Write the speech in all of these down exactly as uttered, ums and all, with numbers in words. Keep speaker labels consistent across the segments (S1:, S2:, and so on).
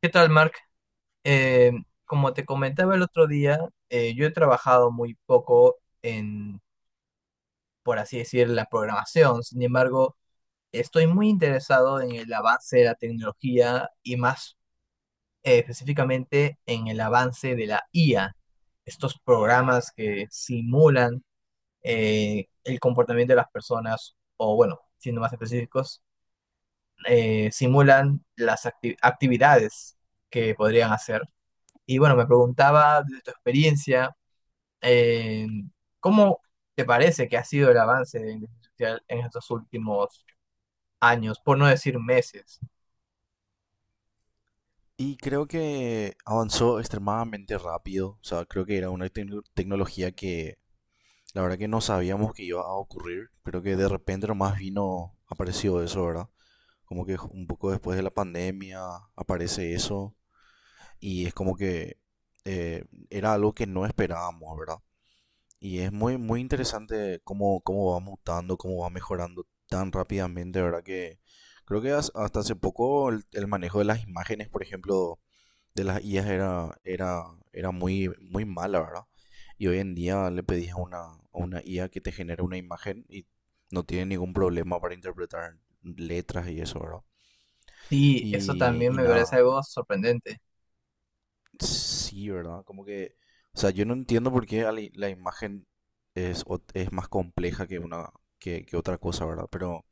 S1: ¿Qué tal, Mark? Eh, Como te comentaba el otro día, eh, yo he trabajado muy poco en, por así decir, la programación. Sin embargo, estoy muy interesado en el avance de la tecnología y más eh, específicamente en el avance de la I A. Estos programas que simulan, eh, el comportamiento de las personas, o bueno, siendo más específicos, eh, simulan las acti- actividades que podrían hacer. Y bueno, me preguntaba desde tu experiencia, eh, ¿cómo te parece que ha sido el avance de la inteligencia artificial en estos últimos años, por no decir meses?
S2: Y creo que avanzó extremadamente rápido. O sea, creo que era una tec- tecnología que la verdad que no sabíamos que iba a ocurrir. Creo que de repente nomás vino, apareció eso, ¿verdad? Como que un poco después de la pandemia aparece eso. Y es como que eh, era algo que no esperábamos, ¿verdad? Y es muy, muy interesante cómo, cómo va mutando, cómo va mejorando tan rápidamente, ¿verdad? Que creo que has- hasta hace poco el el manejo de las imágenes, por ejemplo de las i as era, era, era muy, muy mala, ¿verdad? Y hoy en día le pedís a una, a una i a que te genere una imagen y no tiene ningún problema para interpretar letras y eso, ¿verdad?
S1: Sí, eso
S2: Y,
S1: también
S2: y
S1: me parece
S2: nada,
S1: algo sorprendente.
S2: sí, ¿verdad? Como que, o sea, yo no entiendo por qué la, la imagen es, ot- es más compleja que una que, que otra cosa, ¿verdad? Pero,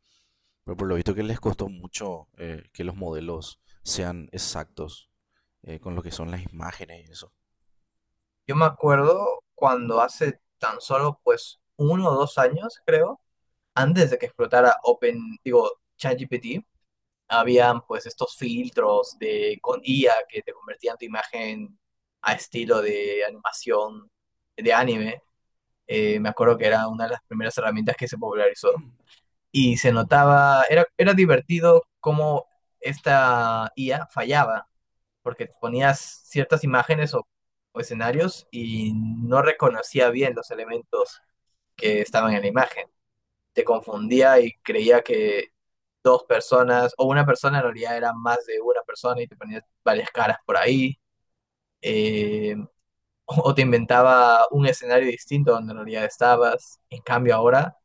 S2: pero por lo visto que les costó mucho eh, que los modelos sean exactos eh, con lo que son las imágenes y eso.
S1: Yo me acuerdo cuando hace tan solo pues uno o dos años, creo, antes de que explotara Open, digo, ChatGPT, habían pues estos filtros de con I A que te convertían tu imagen a estilo de animación de anime. Eh, me acuerdo que era una de las primeras herramientas que se popularizó y se notaba, era, era divertido cómo esta I A fallaba, porque ponías ciertas imágenes o, o escenarios y no reconocía bien los elementos que estaban en la imagen. Te confundía y creía que dos personas o una persona en realidad era más de una persona y te ponía varias caras por ahí. eh, o o te inventaba un escenario distinto donde en realidad estabas. En cambio ahora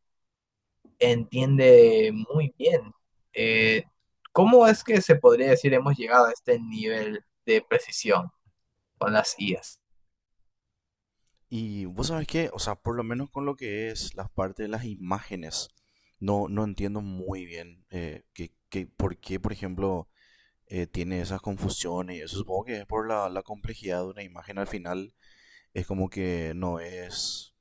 S1: entiende muy bien. Eh, ¿Cómo es que se podría decir hemos llegado a este nivel de precisión con las I A?
S2: Y vos sabés que, o sea, por lo menos con lo que es la parte de las imágenes, no, no entiendo muy bien eh, que, que por qué, por ejemplo, eh, tiene esas confusiones. y Eso supongo que es por la, la complejidad de una imagen al final. Es como que no es,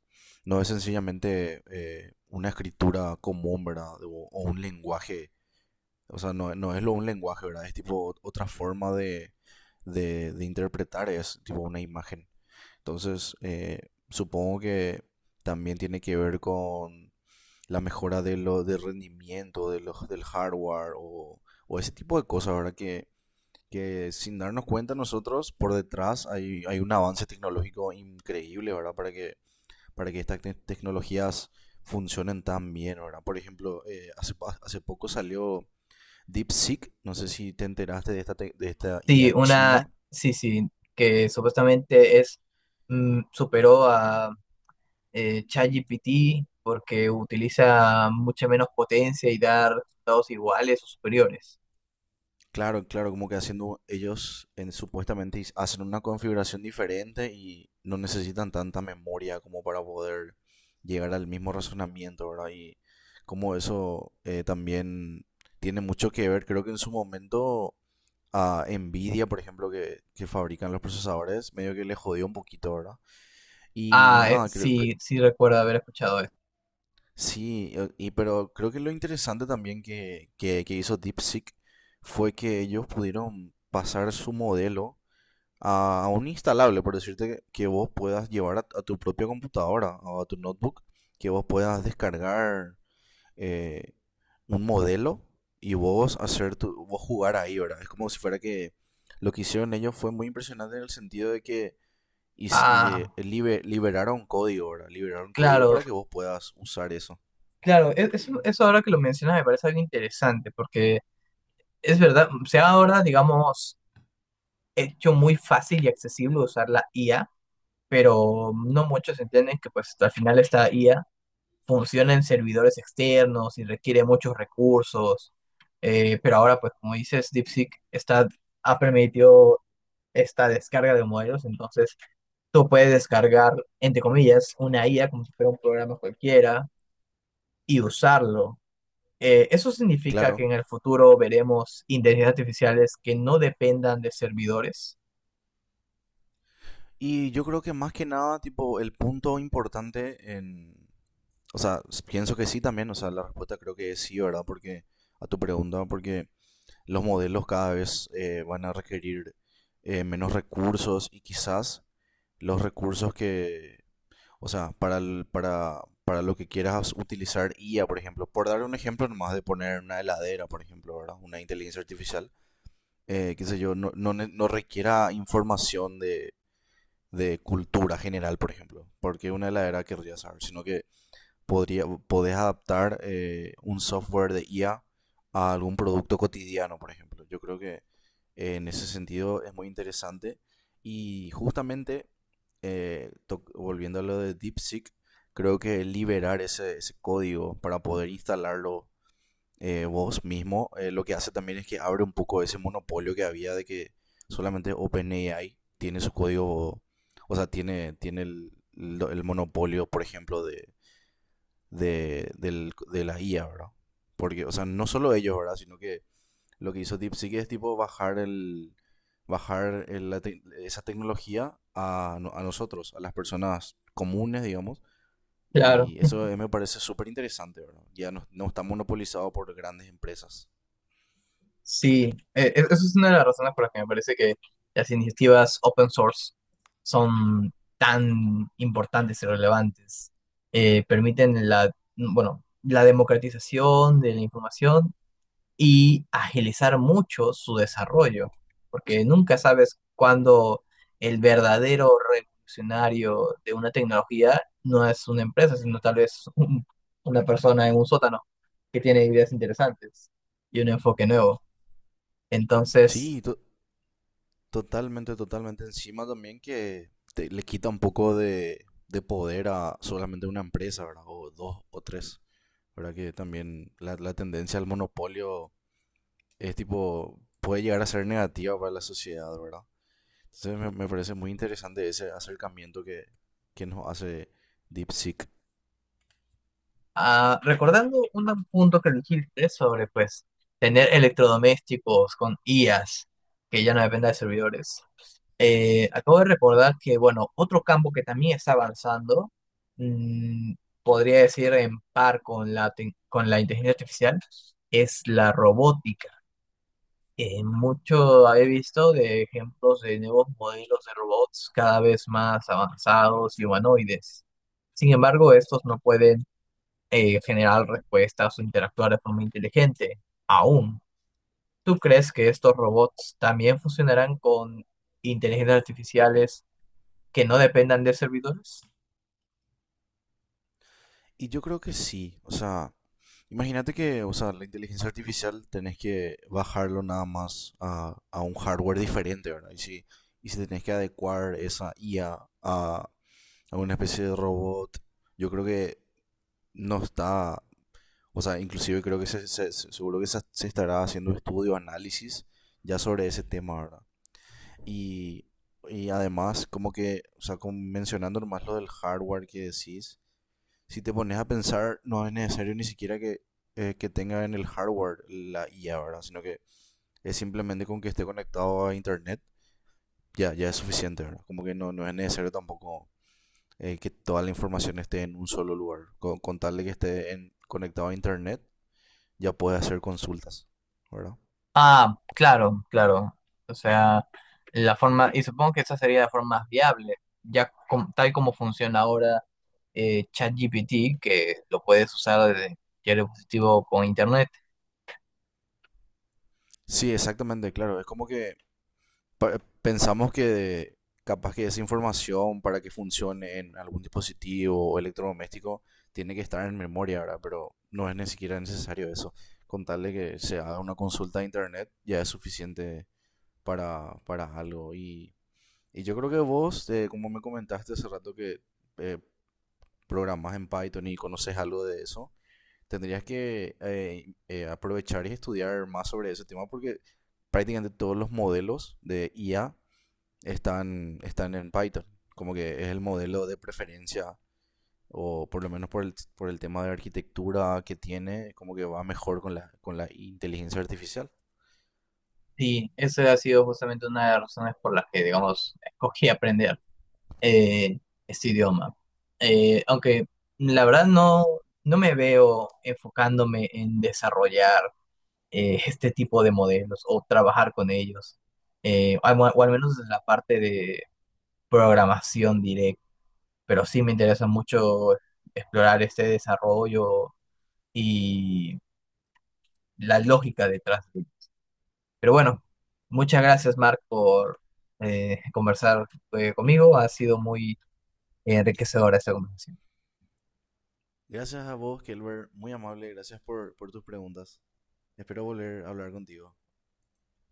S2: no es sencillamente eh, una escritura común, ¿verdad? O, o un lenguaje. O sea, no, no es lo, un lenguaje, ¿verdad? Es tipo otra forma de, de, de interpretar, es tipo una imagen. Entonces, eh, supongo que también tiene que ver con la mejora de lo, del rendimiento de los, del hardware o, o ese tipo de cosas, ¿verdad? Que, que sin darnos cuenta nosotros, por detrás hay, hay un avance tecnológico increíble, ¿verdad? Para que, para que estas te- tecnologías funcionen tan bien, ¿verdad? Por ejemplo, eh, hace, pa- hace poco salió DeepSeek, no sé si te enteraste de esta, te- de esta
S1: Sí,
S2: i a
S1: una,
S2: china.
S1: sí, sí, que supuestamente es, mm, superó a eh, ChatGPT porque utiliza mucha menos potencia y da resultados iguales o superiores.
S2: Claro, claro, como que haciendo ellos en, supuestamente is- hacen una configuración diferente y no necesitan tanta memoria como para poder llegar al mismo razonamiento, ¿verdad? Y como eso eh, también tiene mucho que ver, creo que en su momento a Nvidia, por ejemplo, que, que fabrican los procesadores, medio que le jodió un poquito, ¿verdad? Y, y
S1: Ah, eh,
S2: nada, creo que
S1: sí, sí recuerdo haber escuchado eso.
S2: sí, eh, y, pero creo que lo interesante también que, que, que hizo DeepSeek fue que ellos pudieron pasar su modelo a, a un instalable, por decirte que, que vos puedas llevar a, a tu propia computadora o a tu notebook, que vos puedas descargar eh, un modelo y vos hacer tu, vos jugar ahí, ¿verdad? Es como si fuera que lo que hicieron ellos fue muy impresionante en el sentido de que y, y, eh,
S1: Ah,
S2: libe- liberaron código, ¿verdad? Liberaron código
S1: claro,
S2: para que vos puedas usar eso.
S1: claro, e- eso, eso ahora que lo mencionas me parece algo interesante porque es verdad, se ha ahora, digamos, hecho muy fácil y accesible usar la I A, pero no muchos entienden que pues al final esta I A funciona en servidores externos y requiere muchos recursos, eh, pero ahora pues como dices, DeepSeek está, ha permitido esta descarga de modelos, entonces tú puedes descargar, entre comillas, una I A como si fuera un programa cualquiera y usarlo. Eh, eso significa que
S2: Claro.
S1: en el futuro veremos inteligencias artificiales que no dependan de servidores.
S2: Y yo creo que más que nada, tipo, el punto importante en, o sea, s- pienso que sí también, o sea, la respuesta creo que es sí, ¿verdad? Porque a tu pregunta, porque los modelos cada vez eh, van a requerir eh, menos recursos y quizás los recursos que, o sea, para, el- para, para lo que quieras utilizar i a, por ejemplo, por dar un ejemplo nomás de poner una heladera, por ejemplo, ¿verdad? Una inteligencia artificial, eh, qué sé yo, no, no, ne- no requiera información de, de cultura general, por ejemplo, porque una heladera querría saber, sino que podría, podés adaptar eh, un software de IA a a algún producto cotidiano, por ejemplo. Yo creo que eh, en ese sentido es muy interesante. Y justamente, eh, to- volviendo a lo de DeepSeek, creo que liberar ese, ese código para poder instalarlo eh, vos mismo, eh, lo que hace también es que abre un poco ese monopolio que había de que solamente OpenAI tiene su código, o sea, tiene, tiene el, lo- el monopolio, por ejemplo, de, de, del- de la i a, ¿verdad? Porque, o sea, no solo ellos, ¿verdad? Sino que lo que hizo DeepSeek es tipo bajar el bajar el- la tec- esa tecnología a, no- a nosotros, a las personas comunes, digamos,
S1: Claro.
S2: y eso eh, me parece súper interesante, ¿verdad? Ya no, no está monopolizado por grandes empresas.
S1: Sí, eh, e- eso es una de las razones por las que me parece que las iniciativas open source son tan importantes y relevantes. Eh, permiten la, bueno, la democratización de la información y agilizar mucho su desarrollo, porque nunca sabes cuándo el verdadero revolucionario de una tecnología no es una empresa, sino tal vez un- una persona en un sótano que tiene ideas interesantes y un enfoque nuevo. Entonces,
S2: Sí, to- totalmente, totalmente. Encima también que te- le quita un poco de, de poder a solamente una empresa, ¿verdad? O dos o tres. ¿Verdad? Que también la, la tendencia al monopolio es tipo, puede llegar a ser negativa para la sociedad, ¿verdad? Entonces me, me parece muy interesante ese acercamiento que, que nos hace DeepSeek.
S1: ah, recordando un punto que dijiste sobre pues tener electrodomésticos con I As que ya no dependa de servidores. Eh, acabo de recordar que, bueno, otro campo que también está avanzando, mm, podría decir en par con la, tec- con la inteligencia artificial, es la robótica. Eh, mucho he visto de ejemplos de nuevos modelos de robots cada vez más avanzados y humanoides. Sin embargo, estos no pueden eh, generar respuestas o interactuar de forma inteligente, aún. ¿Tú crees que estos robots también funcionarán con inteligencias artificiales que no dependan de servidores?
S2: Y yo creo que sí, o sea, imagínate que, o sea, la inteligencia artificial tenés que bajarlo nada más a, a un hardware diferente, ¿verdad? Y si, y si tenés que adecuar esa IA a, a a una especie de robot, yo creo que no está. O sea, inclusive creo que se, se- se- seguro que se, se estará haciendo estudio, análisis ya sobre ese tema, ¿verdad? Y, y además, como que, o sea, como mencionando más lo del hardware que decís, si te pones a pensar, no es necesario ni siquiera que, eh, que tenga en el hardware la i a, ¿verdad? Sino que es simplemente con que esté conectado a internet, ya, ya es suficiente, ¿verdad? Como que no, no es necesario tampoco eh, que toda la información esté en un solo lugar, con, con tal de que esté en- conectado a internet ya puede hacer consultas, ¿verdad?
S1: Ah, claro, claro. O sea, la forma, y supongo que esa sería la forma más viable, ya com- tal como funciona ahora eh, ChatGPT, que lo puedes usar desde cualquier dispositivo con internet.
S2: Sí, exactamente, claro. Es como que pa- pensamos que capaz que esa información para que funcione en algún dispositivo o electrodoméstico tiene que estar en memoria, ¿verdad? Pero no es ni siquiera necesario eso. Con tal de que se haga una consulta de internet ya es suficiente para, para algo. Y, y yo creo que vos, eh, como me comentaste hace rato que eh, programas en Python y conoces algo de eso, tendrías que eh, eh, aprovechar y estudiar más sobre ese tema porque prácticamente todos los modelos de i a están, están en Python, como que es el modelo de preferencia o por lo menos por el, por el tema de arquitectura que tiene, como que va mejor con la, con la inteligencia artificial.
S1: Sí, eso ha sido justamente una de las razones por las que, digamos, escogí aprender, eh, este idioma. Eh, aunque la verdad no, no me veo enfocándome en desarrollar eh, este tipo de modelos o trabajar con ellos, eh, al- o al menos en la parte de programación directa. Pero sí me interesa mucho explorar este desarrollo y la lógica detrás de él. Pero bueno, muchas gracias, Mark, por eh, conversar eh, conmigo. Ha sido muy enriquecedora esta conversación.
S2: Gracias a vos, Kelber, muy amable, gracias por, por tus preguntas. Espero volver a hablar contigo.